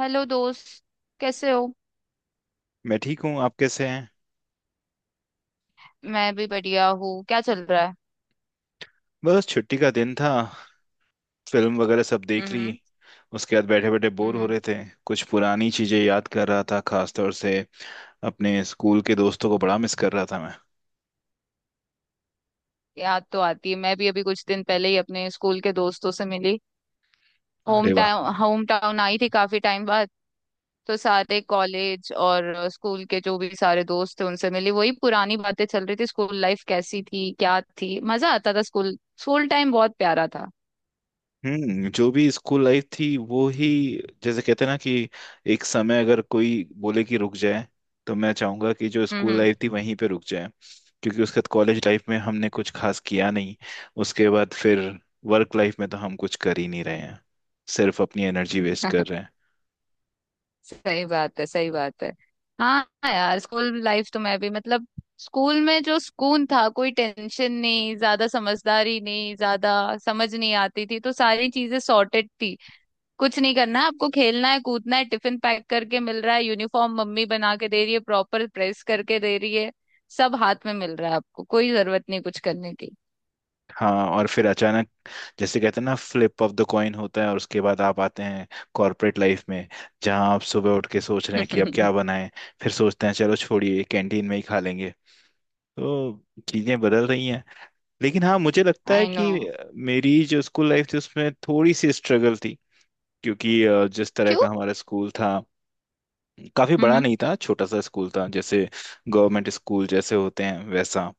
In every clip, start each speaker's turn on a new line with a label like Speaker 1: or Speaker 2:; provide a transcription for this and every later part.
Speaker 1: Hello दोस्त। कैसे हो?
Speaker 2: मैं ठीक हूँ। आप कैसे हैं?
Speaker 1: मैं भी बढ़िया हूँ। क्या चल रहा है?
Speaker 2: बस छुट्टी का दिन था। फिल्म वगैरह सब देख ली।
Speaker 1: हम्म।
Speaker 2: उसके बाद बैठे बैठे बोर हो
Speaker 1: हम्म।
Speaker 2: रहे थे। कुछ पुरानी चीजें याद कर रहा था, खासतौर से अपने स्कूल के दोस्तों को बड़ा मिस कर रहा था मैं।
Speaker 1: याद तो आती है। मैं भी अभी कुछ दिन पहले ही अपने स्कूल के दोस्तों से मिली। होम
Speaker 2: अरे वाह।
Speaker 1: टाउन होम टाउन आई थी काफी टाइम बाद। तो सारे कॉलेज और स्कूल के जो भी सारे दोस्त थे उनसे मिली। वही पुरानी बातें चल रही थी। स्कूल लाइफ कैसी थी, क्या थी, मजा आता था स्कूल। स्कूल टाइम बहुत प्यारा था।
Speaker 2: हम्म। जो भी स्कूल लाइफ थी वो ही, जैसे कहते हैं ना कि एक समय अगर कोई बोले कि रुक जाए, तो मैं चाहूंगा कि जो स्कूल
Speaker 1: हम्म।
Speaker 2: लाइफ थी वहीं पे रुक जाए। क्योंकि उसके बाद कॉलेज लाइफ में हमने कुछ खास किया नहीं। उसके बाद फिर वर्क लाइफ में तो हम कुछ कर ही नहीं रहे हैं, सिर्फ अपनी एनर्जी वेस्ट कर रहे हैं।
Speaker 1: सही बात है, सही बात है। हाँ। यार स्कूल लाइफ तो मैं भी, मतलब, स्कूल में जो सुकून था, कोई टेंशन नहीं ज्यादा, समझदारी नहीं ज्यादा, समझ नहीं आती थी तो सारी चीजें सॉर्टेड थी। कुछ नहीं करना है आपको, खेलना है, कूदना है, टिफिन पैक करके मिल रहा है, यूनिफॉर्म मम्मी बना के दे रही है, प्रॉपर प्रेस करके दे रही है। सब हाथ में मिल रहा है आपको, कोई जरूरत नहीं कुछ करने की।
Speaker 2: हाँ, और फिर अचानक जैसे कहते हैं ना, फ्लिप ऑफ द कॉइन होता है, और उसके बाद आप आते हैं कॉर्पोरेट लाइफ में, जहाँ आप सुबह उठ के सोच रहे हैं कि अब क्या बनाएं। फिर सोचते हैं चलो छोड़िए कैंटीन में ही खा लेंगे। तो चीजें बदल रही हैं। लेकिन हाँ, मुझे लगता है
Speaker 1: आई नो।
Speaker 2: कि मेरी जो स्कूल लाइफ थी उसमें थोड़ी सी स्ट्रगल थी। क्योंकि जिस तरह
Speaker 1: क्यों?
Speaker 2: का हमारा स्कूल था, काफी
Speaker 1: हम्म।
Speaker 2: बड़ा
Speaker 1: हम्म।
Speaker 2: नहीं था, छोटा सा स्कूल था। जैसे गवर्नमेंट स्कूल जैसे होते हैं वैसा।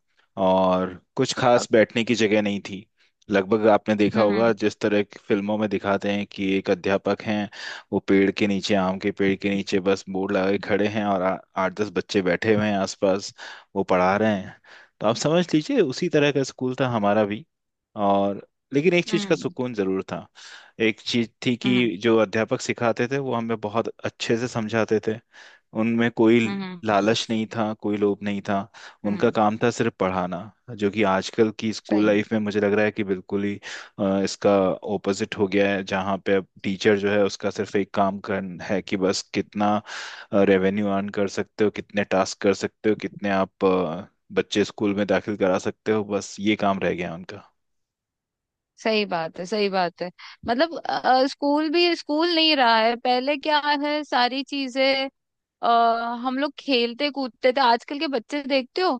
Speaker 2: और कुछ खास
Speaker 1: अक-
Speaker 2: बैठने की जगह नहीं थी। लगभग आपने
Speaker 1: हम्म।
Speaker 2: देखा
Speaker 1: हम्म।
Speaker 2: होगा जिस तरह की फिल्मों में दिखाते हैं कि एक अध्यापक हैं, वो पेड़ के नीचे, आम के पेड़ के नीचे बस बोर्ड लगाए खड़े हैं, और आठ दस बच्चे बैठे हुए हैं आसपास, वो पढ़ा रहे हैं। तो आप समझ लीजिए उसी तरह का स्कूल था हमारा भी। और लेकिन एक चीज का सुकून जरूर था। एक चीज थी
Speaker 1: हम्म।
Speaker 2: कि जो अध्यापक सिखाते थे वो हमें बहुत अच्छे से समझाते थे। उनमें कोई
Speaker 1: हम्म। हम्म।
Speaker 2: लालच नहीं था, कोई लोभ नहीं था। उनका
Speaker 1: हम्म।
Speaker 2: काम था सिर्फ पढ़ाना। जो कि आजकल की स्कूल
Speaker 1: सही।
Speaker 2: लाइफ में मुझे लग रहा है कि बिल्कुल ही इसका ओपोजिट हो गया है, जहाँ पे अब टीचर जो है उसका सिर्फ एक काम कर है कि बस कितना रेवेन्यू अर्न कर सकते हो, कितने टास्क कर सकते हो, कितने आप बच्चे स्कूल में दाखिल करा सकते हो, बस ये काम रह गया है उनका।
Speaker 1: सही बात है, सही बात है। मतलब स्कूल भी स्कूल नहीं रहा है पहले क्या है सारी चीजें। अ, हम लोग खेलते कूदते थे, आजकल के बच्चे देखते हो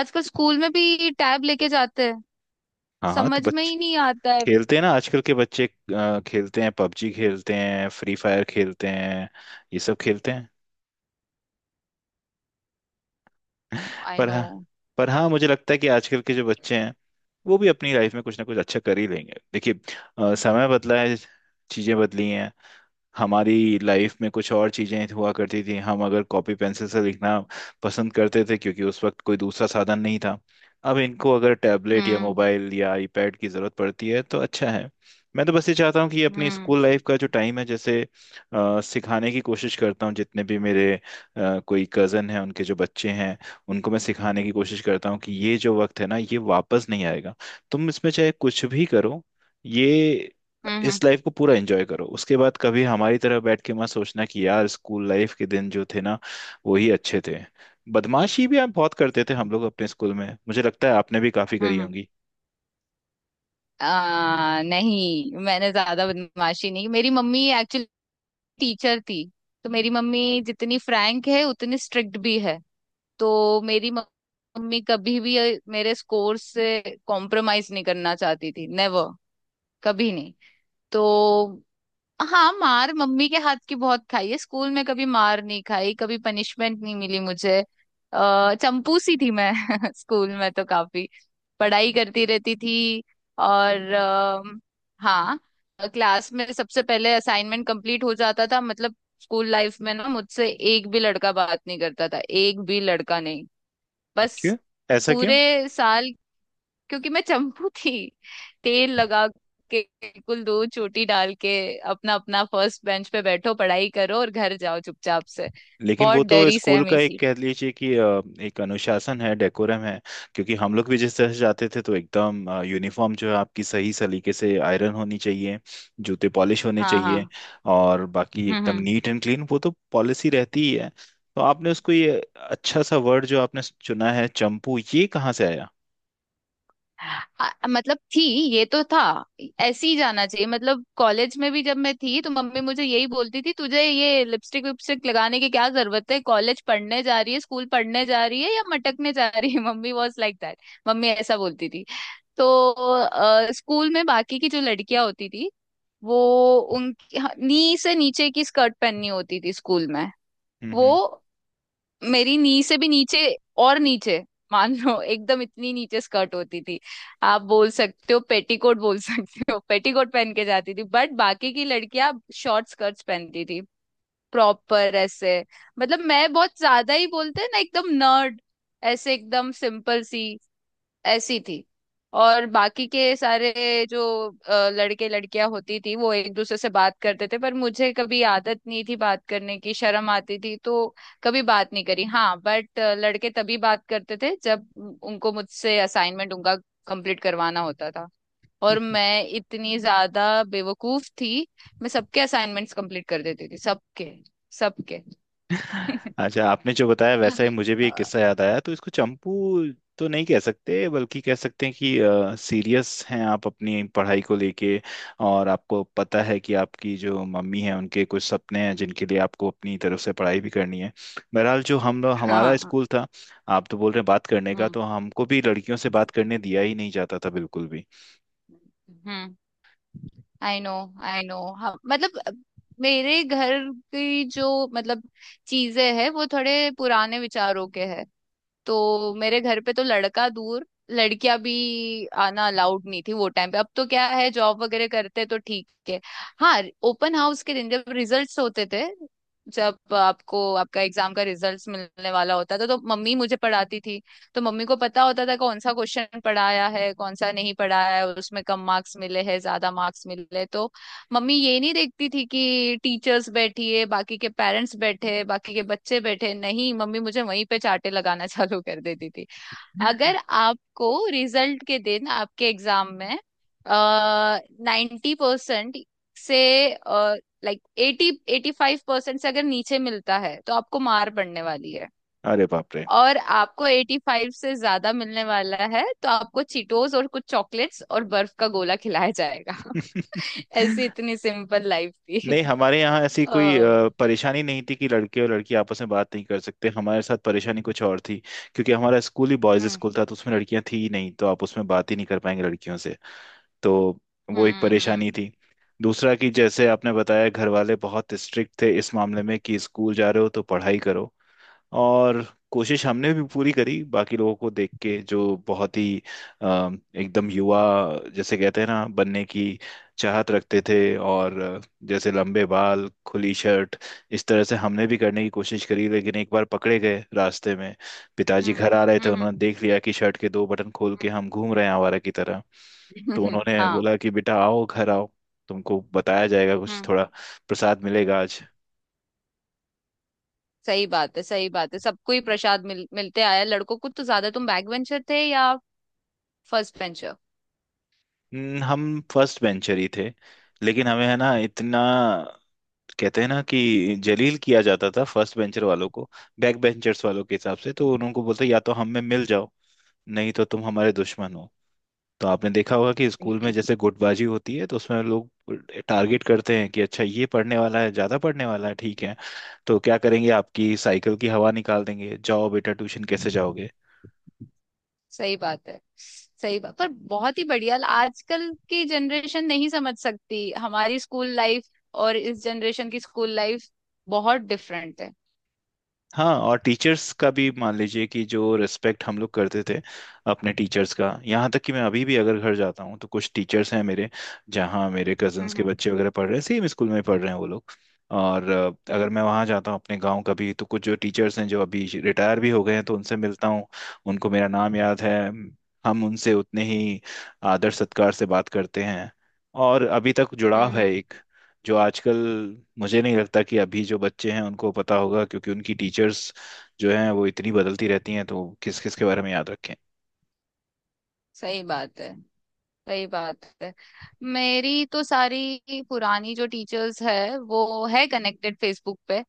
Speaker 1: आजकल स्कूल में भी टैब लेके जाते हैं,
Speaker 2: हाँ हाँ, तो
Speaker 1: समझ में
Speaker 2: बच्चे
Speaker 1: ही नहीं आता है।
Speaker 2: खेलते हैं ना आजकल के बच्चे, खेलते हैं पबजी, खेलते हैं फ्री फायर खेलते हैं, ये सब खेलते हैं।
Speaker 1: आई
Speaker 2: पर
Speaker 1: नो।
Speaker 2: हाँ, पर हाँ मुझे लगता है कि आजकल के जो बच्चे हैं वो भी अपनी लाइफ में कुछ ना कुछ अच्छा कर ही लेंगे, देखिए। समय बदला है, चीजें बदली हैं। हमारी लाइफ में कुछ और चीजें हुआ करती थी। हम अगर कॉपी पेंसिल से लिखना पसंद करते थे, क्योंकि उस वक्त कोई दूसरा साधन नहीं था। अब इनको अगर टैबलेट या
Speaker 1: हम्म।
Speaker 2: मोबाइल या आईपैड की जरूरत पड़ती है तो अच्छा है। मैं तो बस ये चाहता हूँ कि अपनी
Speaker 1: हम्म।
Speaker 2: स्कूल लाइफ का जो टाइम है, जैसे सिखाने की कोशिश करता हूँ जितने भी मेरे कोई कज़न हैं उनके जो बच्चे हैं, उनको मैं सिखाने की कोशिश करता हूँ कि ये जो वक्त है ना ये वापस नहीं आएगा। तुम इसमें चाहे कुछ भी करो, ये
Speaker 1: हम्म। हम्म।
Speaker 2: इस लाइफ को पूरा एंजॉय करो। उसके बाद कभी हमारी तरह बैठ के मत सोचना कि यार स्कूल लाइफ के दिन जो थे ना वो ही अच्छे थे। बदमाशी भी आप बहुत करते थे, हम लोग अपने स्कूल में। मुझे लगता है आपने भी काफी करी
Speaker 1: हम्म।
Speaker 2: होंगी।
Speaker 1: नहीं, मैंने ज्यादा बदमाशी नहीं की। मेरी मम्मी एक्चुअली टीचर थी। तो मेरी मम्मी जितनी फ्रैंक है उतनी स्ट्रिक्ट भी है। तो मम्मी कभी भी मेरे स्कोर से कॉम्प्रोमाइज नहीं करना चाहती थी। नेवर। कभी नहीं। तो हाँ, मार मम्मी के हाथ की बहुत खाई है, स्कूल में कभी मार नहीं खाई, कभी पनिशमेंट नहीं मिली मुझे। अः चंपूसी थी मैं। स्कूल में तो काफी पढ़ाई करती रहती थी। और हाँ, क्लास में सबसे पहले असाइनमेंट कंप्लीट हो जाता था। मतलब स्कूल लाइफ में ना, मुझसे एक भी लड़का बात नहीं करता था, एक भी लड़का नहीं। बस
Speaker 2: क्यों? ऐसा क्यों?
Speaker 1: पूरे साल। क्योंकि मैं चंपू थी, तेल लगा के बिल्कुल, दो चोटी डाल के, अपना अपना फर्स्ट बेंच पे बैठो, पढ़ाई करो और घर जाओ चुपचाप से।
Speaker 2: लेकिन वो
Speaker 1: बहुत
Speaker 2: तो
Speaker 1: डरी
Speaker 2: स्कूल का
Speaker 1: सहमी
Speaker 2: एक,
Speaker 1: सी।
Speaker 2: कह लीजिए कि एक अनुशासन है, डेकोरम है। क्योंकि हम लोग भी जिस तरह से जाते थे तो एकदम यूनिफॉर्म जो है आपकी सही सलीके से आयरन होनी चाहिए, जूते पॉलिश होने
Speaker 1: हाँ,
Speaker 2: चाहिए,
Speaker 1: हाँ।
Speaker 2: और बाकी
Speaker 1: हम्म।
Speaker 2: एकदम
Speaker 1: हम्म।
Speaker 2: नीट एंड क्लीन, वो तो पॉलिसी रहती ही है। तो आपने उसको ये अच्छा सा वर्ड जो आपने चुना है चंपू, ये कहाँ से आया?
Speaker 1: मतलब थी, ये तो था ऐसे ही जाना चाहिए। मतलब कॉलेज में भी जब मैं थी तो मम्मी मुझे यही बोलती थी, तुझे ये लिपस्टिक विपस्टिक लगाने की क्या जरूरत है? कॉलेज पढ़ने जा रही है, स्कूल पढ़ने जा रही है या मटकने जा रही है? Mummy was like that. Mummy ऐसा बोलती थी। तो स्कूल में बाकी की जो लड़कियां होती थी वो, उनकी नी से नीचे की स्कर्ट पहननी होती थी स्कूल में।
Speaker 2: हम्म।
Speaker 1: वो मेरी नी से भी नीचे और नीचे, मान लो एकदम इतनी नीचे स्कर्ट होती थी। आप बोल सकते हो पेटीकोट बोल सकते हो, पेटीकोट पहन के जाती थी। बट बाकी की लड़कियां शॉर्ट स्कर्ट्स पहनती थी, प्रॉपर ऐसे। मतलब मैं बहुत ज्यादा, ही बोलते हैं ना एकदम नर्ड, ऐसे एकदम सिंपल सी ऐसी थी। और बाकी के सारे जो लड़के लड़कियां होती थी वो एक दूसरे से बात करते थे, पर मुझे कभी आदत नहीं थी, बात करने की शर्म आती थी तो कभी बात नहीं करी। हाँ बट लड़के तभी बात करते थे जब उनको मुझसे असाइनमेंट उनका कंप्लीट करवाना होता था। और मैं इतनी ज्यादा बेवकूफ थी, मैं सबके असाइनमेंट्स कंप्लीट कर देती थी सबके, सबके।
Speaker 2: अच्छा, आपने जो बताया वैसा ही मुझे भी एक किस्सा याद आया। तो इसको चंपू तो नहीं कह सकते, बल्कि कह सकते हैं कि सीरियस हैं आप अपनी पढ़ाई को लेके। और आपको पता है कि आपकी जो मम्मी है उनके कुछ सपने हैं जिनके लिए आपको अपनी तरफ से पढ़ाई भी करनी है। बहरहाल, जो हम लोग, हमारा
Speaker 1: हाँ।
Speaker 2: स्कूल था, आप तो बोल रहे हैं बात करने का,
Speaker 1: हम्म।
Speaker 2: तो हमको भी लड़कियों से बात करने दिया ही नहीं जाता था बिल्कुल भी।
Speaker 1: हम्म। I know. I know. हाँ, मतलब मेरे घर की जो, मतलब, चीजें हैं वो थोड़े पुराने विचारों के हैं। तो मेरे घर पे तो लड़का दूर, लड़कियां भी आना अलाउड नहीं थी वो टाइम पे। अब तो क्या है, जॉब वगैरह करते तो ठीक है। हाँ, ओपन हाउस के दिन जब रिजल्ट्स होते थे, जब आपको आपका एग्जाम का रिजल्ट्स मिलने वाला होता था तो मम्मी मुझे पढ़ाती थी। तो मम्मी को पता होता था कौन सा क्वेश्चन पढ़ाया है कौन सा नहीं पढ़ाया है, उसमें कम मार्क्स मिले हैं ज्यादा मार्क्स मिले तो, मम्मी ये नहीं देखती थी कि टीचर्स बैठी है बाकी के पेरेंट्स बैठे हैं बाकी के बच्चे बैठे हैं। नहीं, मम्मी मुझे वहीं पे चांटे लगाना चालू कर देती थी। अगर आपको रिजल्ट के दिन आपके एग्जाम में 90% से, लाइक 80, 85% से अगर नीचे मिलता है तो आपको मार पड़ने वाली है।
Speaker 2: अरे बाप रे।
Speaker 1: और आपको 85 से ज्यादा मिलने वाला है तो आपको चीटोस और कुछ चॉकलेट्स और बर्फ का गोला खिलाया जाएगा। ऐसी इतनी सिंपल लाइफ थी।
Speaker 2: नहीं, हमारे यहाँ ऐसी
Speaker 1: ओ।
Speaker 2: कोई परेशानी नहीं थी कि लड़के और लड़की आपस में बात नहीं कर सकते। हमारे साथ परेशानी कुछ और थी। क्योंकि हमारा स्कूल ही बॉयज
Speaker 1: हम्म।
Speaker 2: स्कूल था, तो उसमें लड़कियां थी ही नहीं, तो आप उसमें बात ही नहीं कर पाएंगे लड़कियों से। तो वो एक
Speaker 1: हम्म।
Speaker 2: परेशानी
Speaker 1: हम्म।
Speaker 2: थी। दूसरा कि जैसे आपने बताया घर वाले बहुत स्ट्रिक्ट थे इस मामले में कि स्कूल जा रहे हो तो पढ़ाई करो। और कोशिश हमने भी पूरी करी, बाकी लोगों को देख के, जो बहुत ही अ, एकदम युवा, जैसे कहते हैं ना, बनने की चाहत रखते थे। और जैसे लंबे बाल, खुली शर्ट, इस तरह से हमने भी करने की कोशिश करी। लेकिन एक बार पकड़े गए रास्ते में। पिताजी
Speaker 1: हम्म।
Speaker 2: घर आ रहे थे,
Speaker 1: हम्म।
Speaker 2: उन्होंने देख लिया कि शर्ट के दो बटन खोल के हम घूम रहे हैं आवारा की तरह। तो
Speaker 1: हम्म।
Speaker 2: उन्होंने
Speaker 1: हाँ।
Speaker 2: बोला कि बेटा आओ, घर आओ, तुमको बताया जाएगा कुछ
Speaker 1: हम्म।
Speaker 2: थोड़ा, प्रसाद मिलेगा आज।
Speaker 1: सही बात है, सही बात है। सबको ही प्रसाद मिलते आया, लड़कों को तो ज्यादा। तुम बैक बेंचर थे या फर्स्ट बेंचर?
Speaker 2: हम फर्स्ट बेंचर ही थे। लेकिन हमें है ना इतना, कहते हैं ना कि जलील किया जाता था फर्स्ट बेंचर वालों को। बैक बेंचर्स वालों के हिसाब से तो उनको बोलते या तो हम में मिल जाओ, नहीं तो तुम हमारे दुश्मन हो। तो आपने देखा होगा कि स्कूल में जैसे गुटबाजी होती है, तो उसमें लोग टारगेट करते हैं कि अच्छा, ये पढ़ने वाला है, ज्यादा पढ़ने वाला है, ठीक है, तो क्या करेंगे, आपकी साइकिल की हवा निकाल देंगे, जाओ बेटा ट्यूशन कैसे जाओगे।
Speaker 1: सही बात है, सही बात। पर बहुत ही बढ़िया। आजकल की जनरेशन नहीं समझ सकती हमारी स्कूल लाइफ, और इस जनरेशन की स्कूल लाइफ बहुत डिफरेंट है।
Speaker 2: हाँ, और टीचर्स का भी मान लीजिए कि जो रिस्पेक्ट हम लोग करते थे अपने टीचर्स का, यहाँ तक कि मैं अभी भी अगर घर जाता हूँ तो कुछ टीचर्स हैं मेरे, जहाँ मेरे कजन्स
Speaker 1: हम्म।
Speaker 2: के
Speaker 1: हम्म।
Speaker 2: बच्चे वगैरह पढ़ रहे हैं, सेम स्कूल में पढ़ रहे हैं वो लोग। और अगर
Speaker 1: हम्म।
Speaker 2: मैं वहाँ जाता हूँ अपने गांव कभी, तो कुछ जो टीचर्स हैं जो अभी रिटायर भी हो गए हैं, तो उनसे मिलता हूँ। उनको मेरा नाम याद है। हम उनसे उतने ही आदर सत्कार से बात करते हैं और अभी तक
Speaker 1: हम्म।
Speaker 2: जुड़ाव है
Speaker 1: हम्म।
Speaker 2: एक, जो आजकल मुझे नहीं लगता कि अभी जो बच्चे हैं उनको पता होगा, क्योंकि उनकी टीचर्स जो हैं वो इतनी बदलती रहती हैं तो किस किस के बारे में याद रखें।
Speaker 1: सही बात है, सही बात है। मेरी तो सारी पुरानी जो टीचर्स है वो है कनेक्टेड फेसबुक पे।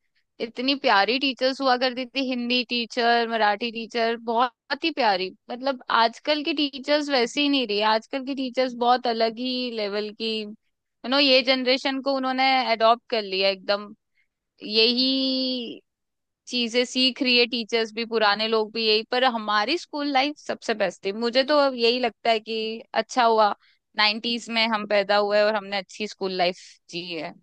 Speaker 1: इतनी प्यारी टीचर्स हुआ करती थी, हिंदी टीचर, मराठी टीचर, बहुत ही प्यारी। मतलब आजकल की टीचर्स वैसी ही नहीं रही, आजकल की टीचर्स बहुत अलग ही लेवल की, यू नो, ये जनरेशन को उन्होंने अडॉप्ट कर लिया एकदम। यही चीजें सीख रही है टीचर्स भी, पुराने लोग भी यही। पर हमारी स्कूल लाइफ सबसे बेस्ट थी, मुझे तो अब यही लगता है कि अच्छा हुआ 90s में हम पैदा हुए और हमने अच्छी स्कूल लाइफ जी है।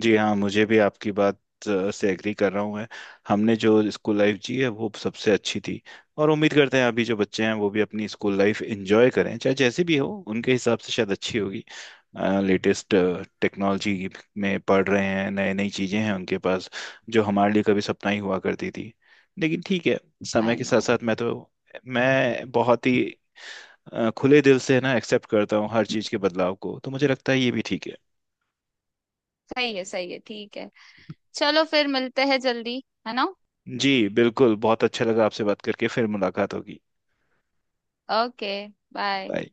Speaker 2: जी हाँ, मुझे भी आपकी बात से एग्री कर रहा हूँ मैं। हमने जो स्कूल लाइफ जी है वो सबसे अच्छी थी। और उम्मीद करते हैं अभी जो बच्चे हैं वो भी अपनी स्कूल लाइफ एंजॉय करें, चाहे जैसी भी हो, उनके हिसाब से शायद अच्छी होगी। लेटेस्ट टेक्नोलॉजी में पढ़ रहे हैं, नई नई चीज़ें हैं उनके पास, जो हमारे लिए कभी सपना ही हुआ करती थी। लेकिन ठीक है, समय
Speaker 1: आई
Speaker 2: के साथ
Speaker 1: नो।
Speaker 2: साथ मैं तो, मैं बहुत ही खुले दिल से ना एक्सेप्ट करता हूँ हर चीज़ के बदलाव को, तो मुझे लगता है ये भी ठीक है।
Speaker 1: सही है, सही है, ठीक है। चलो फिर मिलते हैं जल्दी, है ना?
Speaker 2: जी बिल्कुल, बहुत अच्छा लगा आपसे बात करके, फिर मुलाकात होगी।
Speaker 1: ओके। बाय।
Speaker 2: बाय।